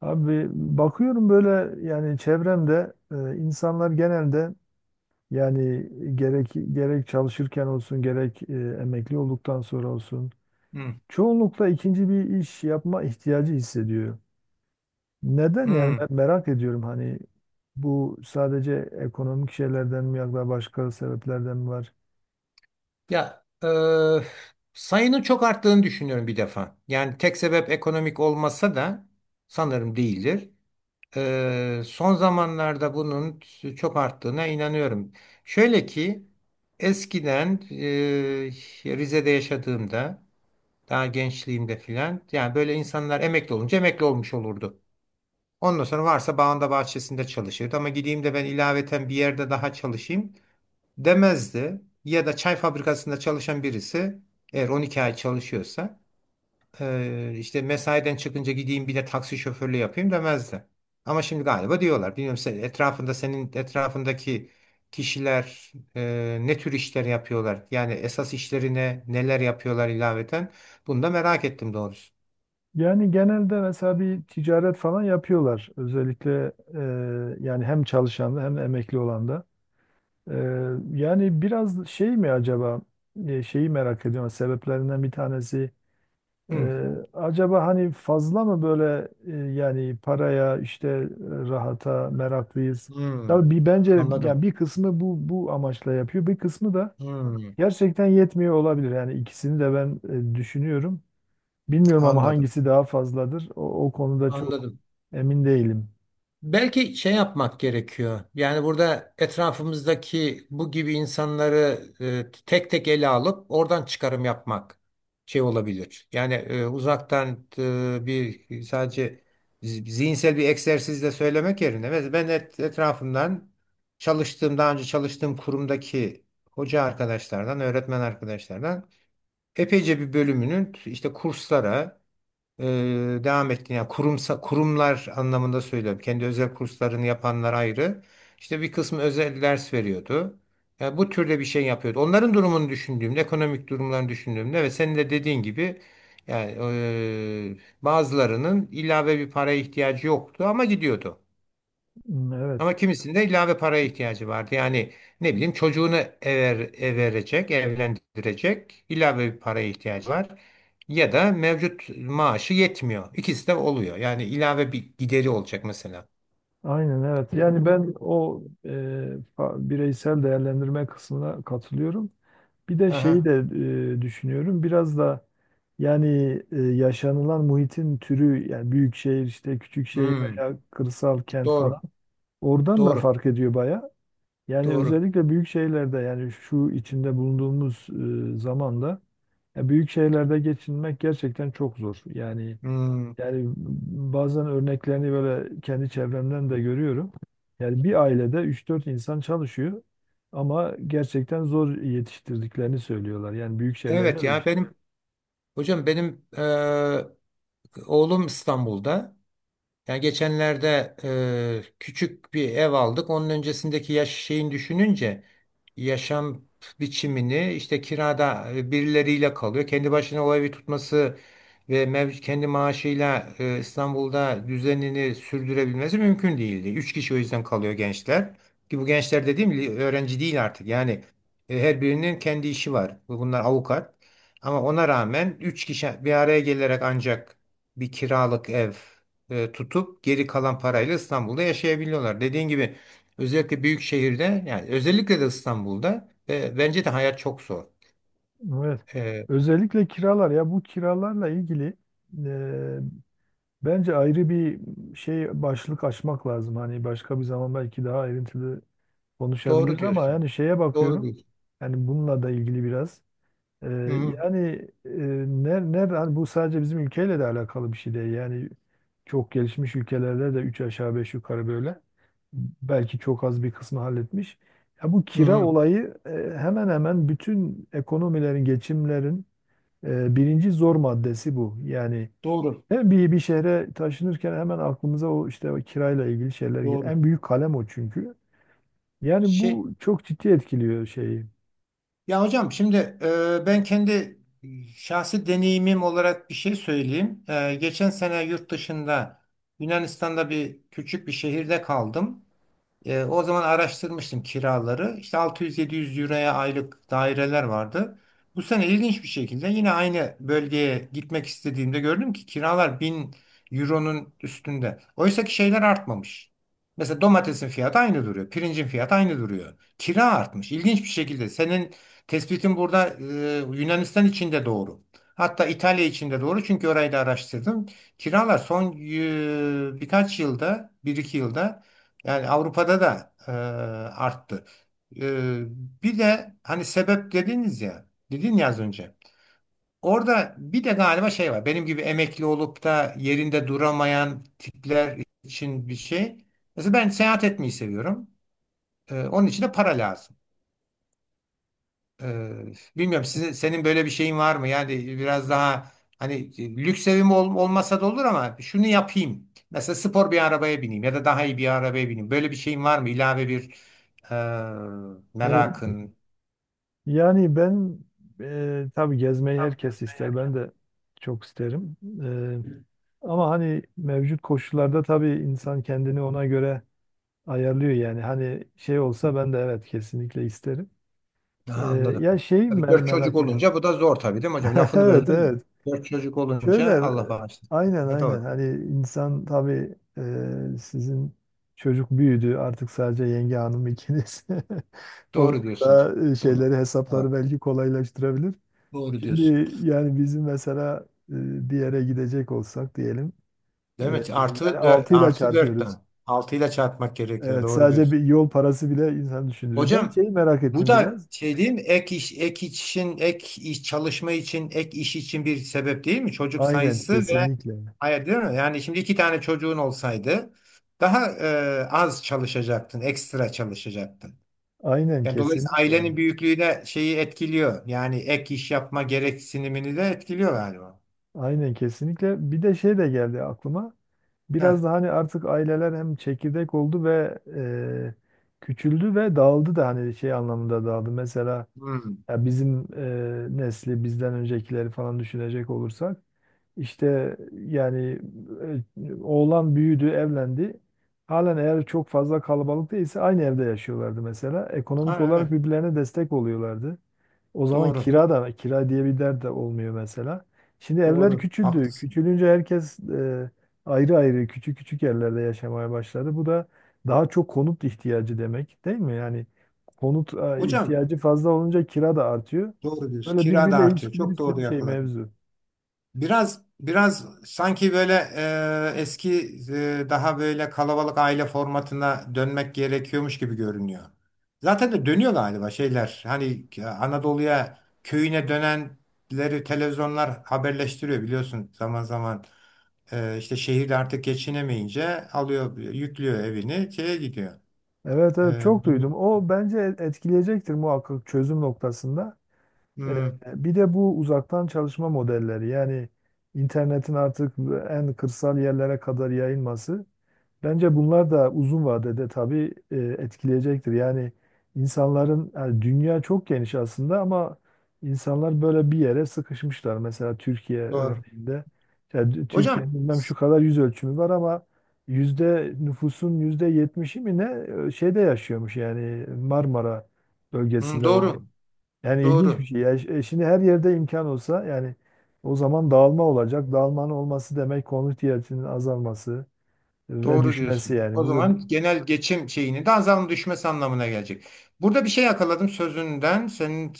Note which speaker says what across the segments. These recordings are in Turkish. Speaker 1: Abi, bakıyorum böyle, yani çevremde insanlar genelde, yani, gerek çalışırken olsun, gerek emekli olduktan sonra olsun,
Speaker 2: Hmm,
Speaker 1: çoğunlukla ikinci bir iş yapma ihtiyacı hissediyor. Neden, yani ben
Speaker 2: hmm.
Speaker 1: merak ediyorum, hani bu sadece ekonomik şeylerden mi yoksa başka sebeplerden mi var?
Speaker 2: Ya, sayının çok arttığını düşünüyorum bir defa. Yani tek sebep ekonomik olmasa da sanırım değildir. Son zamanlarda bunun çok arttığına inanıyorum. Şöyle ki eskiden Rize'de yaşadığımda daha gençliğimde filan, yani böyle insanlar emekli olunca emekli olmuş olurdu. Ondan sonra varsa bağında bahçesinde çalışırdı, ama gideyim de ben ilaveten bir yerde daha çalışayım, demezdi. Ya da çay fabrikasında çalışan birisi eğer 12 ay çalışıyorsa işte mesaiden çıkınca gideyim bir de taksi şoförlüğü yapayım demezdi. Ama şimdi galiba diyorlar. Bilmiyorum, senin etrafındaki kişiler ne tür işler yapıyorlar? Yani esas işlerine neler yapıyorlar, ilaveten? Bunu da merak ettim doğrusu.
Speaker 1: Yani genelde mesela bir ticaret falan yapıyorlar, özellikle yani hem çalışan da hem de emekli olan da. Ee, yani biraz şey mi acaba, şeyi merak ediyorum, sebeplerinden bir tanesi,
Speaker 2: Hmm,
Speaker 1: e, acaba hani fazla mı böyle, yani paraya işte, rahata meraklıyız.
Speaker 2: hmm,
Speaker 1: Tabii bir bence, yani
Speaker 2: anladım.
Speaker 1: bir kısmı bu amaçla yapıyor, bir kısmı da
Speaker 2: Hmm,
Speaker 1: gerçekten yetmiyor olabilir. Yani ikisini de ben düşünüyorum. Bilmiyorum ama
Speaker 2: anladım.
Speaker 1: hangisi daha fazladır, o konuda çok
Speaker 2: Anladım.
Speaker 1: emin değilim.
Speaker 2: Belki şey yapmak gerekiyor. Yani burada etrafımızdaki bu gibi insanları tek tek ele alıp oradan çıkarım yapmak şey olabilir. Yani uzaktan bir sadece zihinsel bir egzersizle söylemek yerine, mesela ben etrafımdan çalıştığım, daha önce çalıştığım kurumdaki hoca arkadaşlardan, öğretmen arkadaşlardan epeyce bir bölümünün işte kurslara e, devam ettiğini, yani kurumlar anlamında söylüyorum. Kendi özel kurslarını yapanlar ayrı. İşte bir kısmı özel ders veriyordu. Yani bu türde bir şey yapıyordu. Onların durumunu düşündüğümde, ekonomik durumlarını düşündüğümde ve senin de dediğin gibi, yani bazılarının ilave bir paraya ihtiyacı yoktu ama gidiyordu.
Speaker 1: Hmm, evet.
Speaker 2: Ama kimisinin de ilave paraya ihtiyacı vardı. Yani ne bileyim, çocuğunu evlendirecek, ilave bir paraya ihtiyacı var. Ya da mevcut maaşı yetmiyor. İkisi de oluyor. Yani ilave bir gideri olacak mesela.
Speaker 1: Aynen, evet. Yani ben o, bireysel değerlendirme kısmına katılıyorum. Bir de şeyi
Speaker 2: Aha.
Speaker 1: de düşünüyorum. Biraz da yani yaşanılan muhitin türü, yani büyük şehir, işte küçük şehir
Speaker 2: Hmm.
Speaker 1: veya kırsal kent falan.
Speaker 2: Doğru.
Speaker 1: Oradan da
Speaker 2: Doğru.
Speaker 1: fark ediyor baya. Yani
Speaker 2: Doğru.
Speaker 1: özellikle büyük şehirlerde, yani şu içinde bulunduğumuz zamanda, ya büyük şehirlerde geçinmek gerçekten çok zor. Yani
Speaker 2: Hmm.
Speaker 1: yani bazen örneklerini böyle kendi çevremden de görüyorum. Yani bir ailede üç dört insan çalışıyor ama gerçekten zor yetiştirdiklerini söylüyorlar. Yani büyük şeylerde
Speaker 2: Evet
Speaker 1: öyle.
Speaker 2: ya, benim hocam, benim oğlum İstanbul'da. Yani geçenlerde küçük bir ev aldık. Onun öncesindeki yaş şeyin düşününce yaşam biçimini işte kirada birileriyle kalıyor. Kendi başına o evi tutması ve kendi maaşıyla İstanbul'da düzenini sürdürebilmesi mümkün değildi. Üç kişi o yüzden kalıyor gençler. Ki bu gençler dediğim gibi öğrenci değil artık. Yani her birinin kendi işi var. Bunlar avukat. Ama ona rağmen üç kişi bir araya gelerek ancak bir kiralık ev tutup geri kalan parayla İstanbul'da yaşayabiliyorlar. Dediğin gibi, özellikle büyük şehirde, yani özellikle de İstanbul'da, ve bence de hayat çok zor.
Speaker 1: Evet.
Speaker 2: Ee,
Speaker 1: Özellikle kiralar, ya bu kiralarla ilgili e, bence ayrı bir şey, başlık açmak lazım. Hani başka bir zaman belki daha ayrıntılı
Speaker 2: doğru
Speaker 1: konuşabiliriz ama
Speaker 2: diyorsun.
Speaker 1: yani şeye
Speaker 2: Doğru
Speaker 1: bakıyorum.
Speaker 2: diyorsun.
Speaker 1: Yani bununla da ilgili biraz. Ee,
Speaker 2: Hı hı,
Speaker 1: yani e, hani bu sadece bizim ülkeyle de alakalı bir şey değil. Yani çok gelişmiş ülkelerde de üç aşağı beş yukarı böyle. Belki çok az bir kısmı halletmiş. Ya bu
Speaker 2: hı
Speaker 1: kira
Speaker 2: hı.
Speaker 1: olayı hemen hemen bütün ekonomilerin, geçimlerin birinci zor maddesi bu. Yani
Speaker 2: Doğru.
Speaker 1: hem bir şehre taşınırken hemen aklımıza, o işte o kirayla ilgili şeyler geliyor.
Speaker 2: Doğru.
Speaker 1: En büyük kalem o çünkü. Yani
Speaker 2: Şey,
Speaker 1: bu çok ciddi etkiliyor şeyi.
Speaker 2: ya hocam, şimdi ben kendi şahsi deneyimim olarak bir şey söyleyeyim. Geçen sene yurt dışında Yunanistan'da bir küçük bir şehirde kaldım. O zaman araştırmıştım kiraları. İşte 600-700 euroya aylık daireler vardı. Bu sene ilginç bir şekilde yine aynı bölgeye gitmek istediğimde gördüm ki kiralar 1000 euronun üstünde. Oysa ki şeyler artmamış. Mesela domatesin fiyatı aynı duruyor. Pirincin fiyatı aynı duruyor. Kira artmış, İlginç bir şekilde. Senin tespitin burada Yunanistan için de doğru. Hatta İtalya için de doğru. Çünkü orayı da araştırdım. Kiralar son birkaç yılda, bir iki yılda, yani Avrupa'da da arttı. E, Bir de hani sebep dediniz ya, dedin ya az önce. Orada bir de galiba şey var. Benim gibi emekli olup da yerinde duramayan tipler için bir şey. Mesela ben seyahat etmeyi seviyorum. Onun için de para lazım. Ee, Bilmiyorum, senin böyle bir şeyin var mı? Yani biraz daha hani lüks evim olmasa da olur ama şunu yapayım. Mesela spor bir arabaya bineyim ya da daha iyi bir arabaya bineyim. Böyle bir şeyin var mı, İlave bir
Speaker 1: Evet.
Speaker 2: merakın?
Speaker 1: Yani ben tabii gezmeyi
Speaker 2: Tabii
Speaker 1: herkes
Speaker 2: gezmeyi
Speaker 1: ister.
Speaker 2: herkes.
Speaker 1: Ben de çok isterim. Ama hani mevcut koşullarda, tabii insan kendini ona göre ayarlıyor yani. Hani şey olsa, ben de evet, kesinlikle isterim.
Speaker 2: Aha,
Speaker 1: E,
Speaker 2: anladım.
Speaker 1: Ya şey,
Speaker 2: Tabii,
Speaker 1: mer
Speaker 2: dört çocuk
Speaker 1: merak.
Speaker 2: olunca bu da zor tabii, değil mi hocam? Lafını
Speaker 1: Evet,
Speaker 2: böldüm mü?
Speaker 1: evet.
Speaker 2: Dört çocuk
Speaker 1: Şöyle
Speaker 2: olunca Allah bağışlasın.
Speaker 1: aynen,
Speaker 2: Ne
Speaker 1: aynen.
Speaker 2: doğru, diyor.
Speaker 1: Hani insan tabii sizin çocuk büyüdü. Artık sadece yenge hanım ikiniz. O
Speaker 2: Doğru diyorsunuz.
Speaker 1: daha
Speaker 2: Tamam.
Speaker 1: şeyleri, hesapları
Speaker 2: Doğru.
Speaker 1: belki kolaylaştırabilir.
Speaker 2: Doğru
Speaker 1: Şimdi
Speaker 2: diyorsun.
Speaker 1: yani bizim mesela bir yere gidecek olsak diyelim, e,
Speaker 2: Değil mi?
Speaker 1: yani
Speaker 2: Artı, dö
Speaker 1: 6 ile
Speaker 2: artı
Speaker 1: çarpıyoruz.
Speaker 2: dörtten. Altıyla çarpmak gerekiyor.
Speaker 1: Evet,
Speaker 2: Doğru
Speaker 1: sadece bir
Speaker 2: diyorsun.
Speaker 1: yol parası bile insan düşündürüyor. Ben
Speaker 2: Hocam,
Speaker 1: şeyi merak
Speaker 2: bu
Speaker 1: ettim
Speaker 2: da
Speaker 1: biraz.
Speaker 2: şey değil mi? Ek iş, ek için, ek iş çalışma için, Ek iş için bir sebep değil mi? Çocuk
Speaker 1: Aynen,
Speaker 2: sayısı ve
Speaker 1: kesinlikle.
Speaker 2: hayır, değil mi? Yani şimdi iki tane çocuğun olsaydı daha az çalışacaktın, ekstra çalışacaktın.
Speaker 1: Aynen,
Speaker 2: Yani dolayısıyla
Speaker 1: kesinlikle.
Speaker 2: ailenin büyüklüğü de şeyi etkiliyor. Yani ek iş yapma gereksinimini de etkiliyor galiba.
Speaker 1: Aynen, kesinlikle. Bir de şey de geldi aklıma.
Speaker 2: Heh.
Speaker 1: Biraz da hani artık aileler hem çekirdek oldu ve küçüldü ve dağıldı da, hani şey anlamında dağıldı. Mesela,
Speaker 2: Hmm.
Speaker 1: ya bizim nesli, bizden öncekileri falan düşünecek olursak, işte yani oğlan büyüdü, evlendi. Halen eğer çok fazla kalabalık değilse, aynı evde yaşıyorlardı mesela. Ekonomik
Speaker 2: Ha,
Speaker 1: olarak
Speaker 2: evet.
Speaker 1: birbirlerine destek oluyorlardı. O zaman
Speaker 2: Doğru.
Speaker 1: kira da, kira diye bir dert de olmuyor mesela. Şimdi evler
Speaker 2: Doğru.
Speaker 1: küçüldü.
Speaker 2: Haklısın.
Speaker 1: Küçülünce herkes ayrı ayrı, küçük küçük yerlerde yaşamaya başladı. Bu da daha çok konut ihtiyacı demek, değil mi? Yani konut
Speaker 2: Hocam,
Speaker 1: ihtiyacı fazla olunca kira da artıyor.
Speaker 2: doğru diyorsun.
Speaker 1: Böyle
Speaker 2: Kira da
Speaker 1: birbiriyle
Speaker 2: artıyor.
Speaker 1: ilişkili bir
Speaker 2: Çok doğru
Speaker 1: sürü şey,
Speaker 2: yakaladın.
Speaker 1: mevzu.
Speaker 2: Biraz biraz sanki böyle eski daha böyle kalabalık aile formatına dönmek gerekiyormuş gibi görünüyor. Zaten de dönüyor galiba şeyler. Hani Anadolu'ya köyüne dönenleri televizyonlar haberleştiriyor, biliyorsun, zaman zaman. İşte şehirde artık geçinemeyince alıyor yüklüyor evini şeye gidiyor.
Speaker 1: Evet, evet,
Speaker 2: E,
Speaker 1: çok duydum. O bence etkileyecektir muhakkak, çözüm noktasında. Ee,
Speaker 2: hmm,
Speaker 1: Bir de bu uzaktan çalışma modelleri, yani internetin artık en kırsal yerlere kadar yayılması. Bence bunlar da uzun vadede tabii etkileyecektir. Yani insanların, yani dünya çok geniş aslında ama insanlar böyle bir yere sıkışmışlar. Mesela Türkiye
Speaker 2: doğru.
Speaker 1: örneğinde, yani
Speaker 2: Hocam,
Speaker 1: Türkiye'nin bilmem şu kadar yüz ölçümü var ama nüfusun yüzde yetmişi mi ne şeyde yaşıyormuş, yani Marmara
Speaker 2: hmm,
Speaker 1: bölgesinde o,
Speaker 2: doğru
Speaker 1: yani ilginç bir
Speaker 2: doğru.
Speaker 1: şey. Ya şimdi her yerde imkan olsa, yani o zaman dağılma olacak. Dağılmanın olması demek, konut ihtiyacının azalması ve
Speaker 2: Doğru
Speaker 1: düşmesi
Speaker 2: diyorsun.
Speaker 1: yani.
Speaker 2: O
Speaker 1: Bu da
Speaker 2: zaman genel geçim şeyini de azam düşmesi anlamına gelecek. Burada bir şey yakaladım sözünden, senin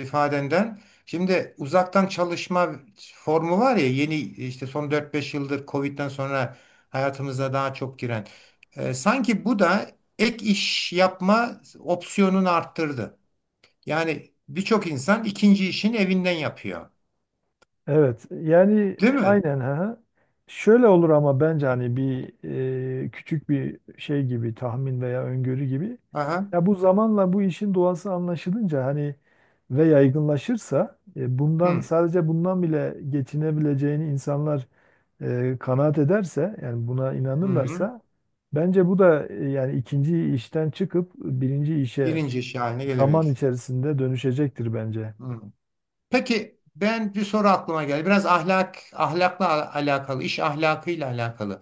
Speaker 2: ifadenden. Şimdi uzaktan çalışma formu var ya, yeni, işte son dört beş yıldır Covid'den sonra hayatımıza daha çok giren. Sanki bu da ek iş yapma opsiyonunu arttırdı. Yani birçok insan ikinci işini evinden yapıyor.
Speaker 1: evet, yani
Speaker 2: Değil mi?
Speaker 1: aynen, ha. Şöyle olur ama, bence hani bir küçük bir şey gibi, tahmin veya öngörü gibi.
Speaker 2: Aha.
Speaker 1: Ya bu zamanla bu işin doğası anlaşılınca, hani ve yaygınlaşırsa, e, bundan
Speaker 2: Hı.
Speaker 1: sadece bundan bile geçinebileceğini insanlar kanaat ederse, yani buna
Speaker 2: Hı hı.
Speaker 1: inanırlarsa, bence bu da yani ikinci işten çıkıp birinci işe
Speaker 2: Birinci iş haline
Speaker 1: zaman
Speaker 2: gelebilir.
Speaker 1: içerisinde dönüşecektir bence.
Speaker 2: Hı. Peki, ben bir soru aklıma geldi. Biraz alakalı, iş ahlakıyla alakalı.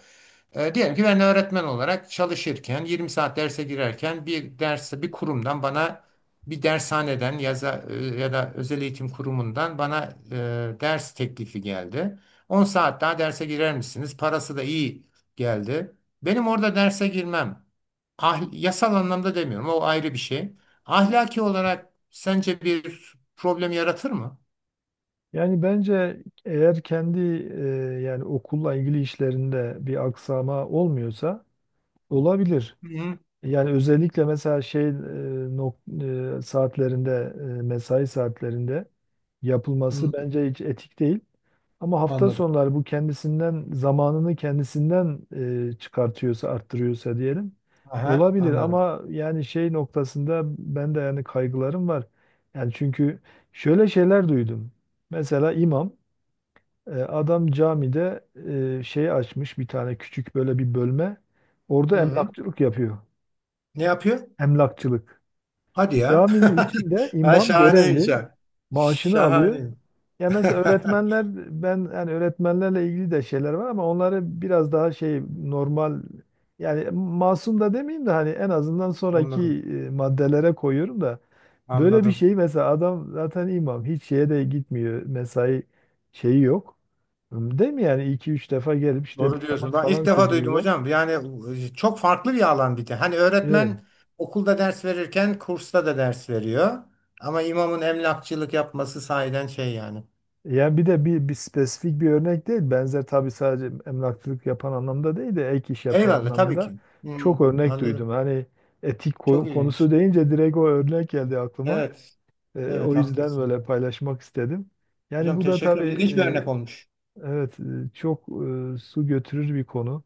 Speaker 2: Diyelim ki ben öğretmen olarak çalışırken, 20 saat derse girerken, bir derse bir kurumdan bana, bir dershaneden, ya da özel eğitim kurumundan bana ders teklifi geldi. 10 saat daha derse girer misiniz? Parası da iyi geldi. Benim orada derse girmem. Ah, yasal anlamda demiyorum. O ayrı bir şey. Ahlaki olarak sence bir problem yaratır mı?
Speaker 1: Yani bence eğer kendi yani okulla ilgili işlerinde bir aksama olmuyorsa, olabilir.
Speaker 2: Hı hı.
Speaker 1: Yani özellikle mesela şey, saatlerinde, mesai saatlerinde yapılması bence hiç etik değil. Ama hafta
Speaker 2: Anladım.
Speaker 1: sonları bu, kendisinden, zamanını kendisinden çıkartıyorsa, arttırıyorsa diyelim,
Speaker 2: Aha,
Speaker 1: olabilir
Speaker 2: anladım.
Speaker 1: ama yani şey noktasında ben de yani kaygılarım var. Yani çünkü şöyle şeyler duydum. Mesela imam, adam camide şey açmış, bir tane küçük böyle bir bölme.
Speaker 2: Hı
Speaker 1: Orada
Speaker 2: hı.
Speaker 1: emlakçılık yapıyor.
Speaker 2: Ne yapıyor?
Speaker 1: Emlakçılık.
Speaker 2: Hadi ya.
Speaker 1: Caminin içinde
Speaker 2: Ha,
Speaker 1: imam
Speaker 2: şahaneymiş
Speaker 1: görevli,
Speaker 2: ha.
Speaker 1: maaşını alıyor.
Speaker 2: Şahane.
Speaker 1: Ya mesela öğretmenler, ben yani öğretmenlerle ilgili de şeyler var ama onları biraz daha şey, normal, yani masum da demeyeyim de, hani en azından sonraki
Speaker 2: Anladım.
Speaker 1: maddelere koyuyorum da, böyle bir
Speaker 2: Anladım.
Speaker 1: şey mesela, adam zaten imam hiç şeye de gitmiyor, mesai şeyi yok. Değil mi, yani iki üç defa gelip işte
Speaker 2: Doğru
Speaker 1: bir
Speaker 2: diyorsun.
Speaker 1: namaz
Speaker 2: Ben ilk
Speaker 1: falan
Speaker 2: defa duydum
Speaker 1: kıldırıyorlar.
Speaker 2: hocam. Yani çok farklı bir alan bir de. Hani
Speaker 1: Evet.
Speaker 2: öğretmen okulda ders verirken kursta da ders veriyor. Ama imamın emlakçılık yapması sahiden şey yani.
Speaker 1: Yani bir de bir spesifik bir örnek değil. Benzer tabii, sadece emlakçılık yapan anlamda değil de ek iş yapan
Speaker 2: Eyvallah tabii
Speaker 1: anlamında
Speaker 2: ki. Hı,
Speaker 1: çok örnek
Speaker 2: anladım.
Speaker 1: duydum. Hani etik
Speaker 2: Çok
Speaker 1: konusu
Speaker 2: ilginç.
Speaker 1: deyince direkt o örnek geldi aklıma.
Speaker 2: Evet.
Speaker 1: O
Speaker 2: Evet,
Speaker 1: yüzden
Speaker 2: haklısın.
Speaker 1: böyle paylaşmak istedim. Yani
Speaker 2: Hocam,
Speaker 1: bu da
Speaker 2: teşekkür ederim. İlginç bir örnek
Speaker 1: tabii
Speaker 2: olmuş.
Speaker 1: evet, çok su götürür bir konu.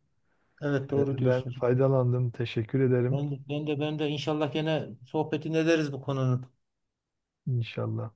Speaker 2: Evet, doğru
Speaker 1: Ben
Speaker 2: diyorsun.
Speaker 1: faydalandım, teşekkür ederim.
Speaker 2: Ben de inşallah gene sohbetini ederiz bu konunun.
Speaker 1: İnşallah.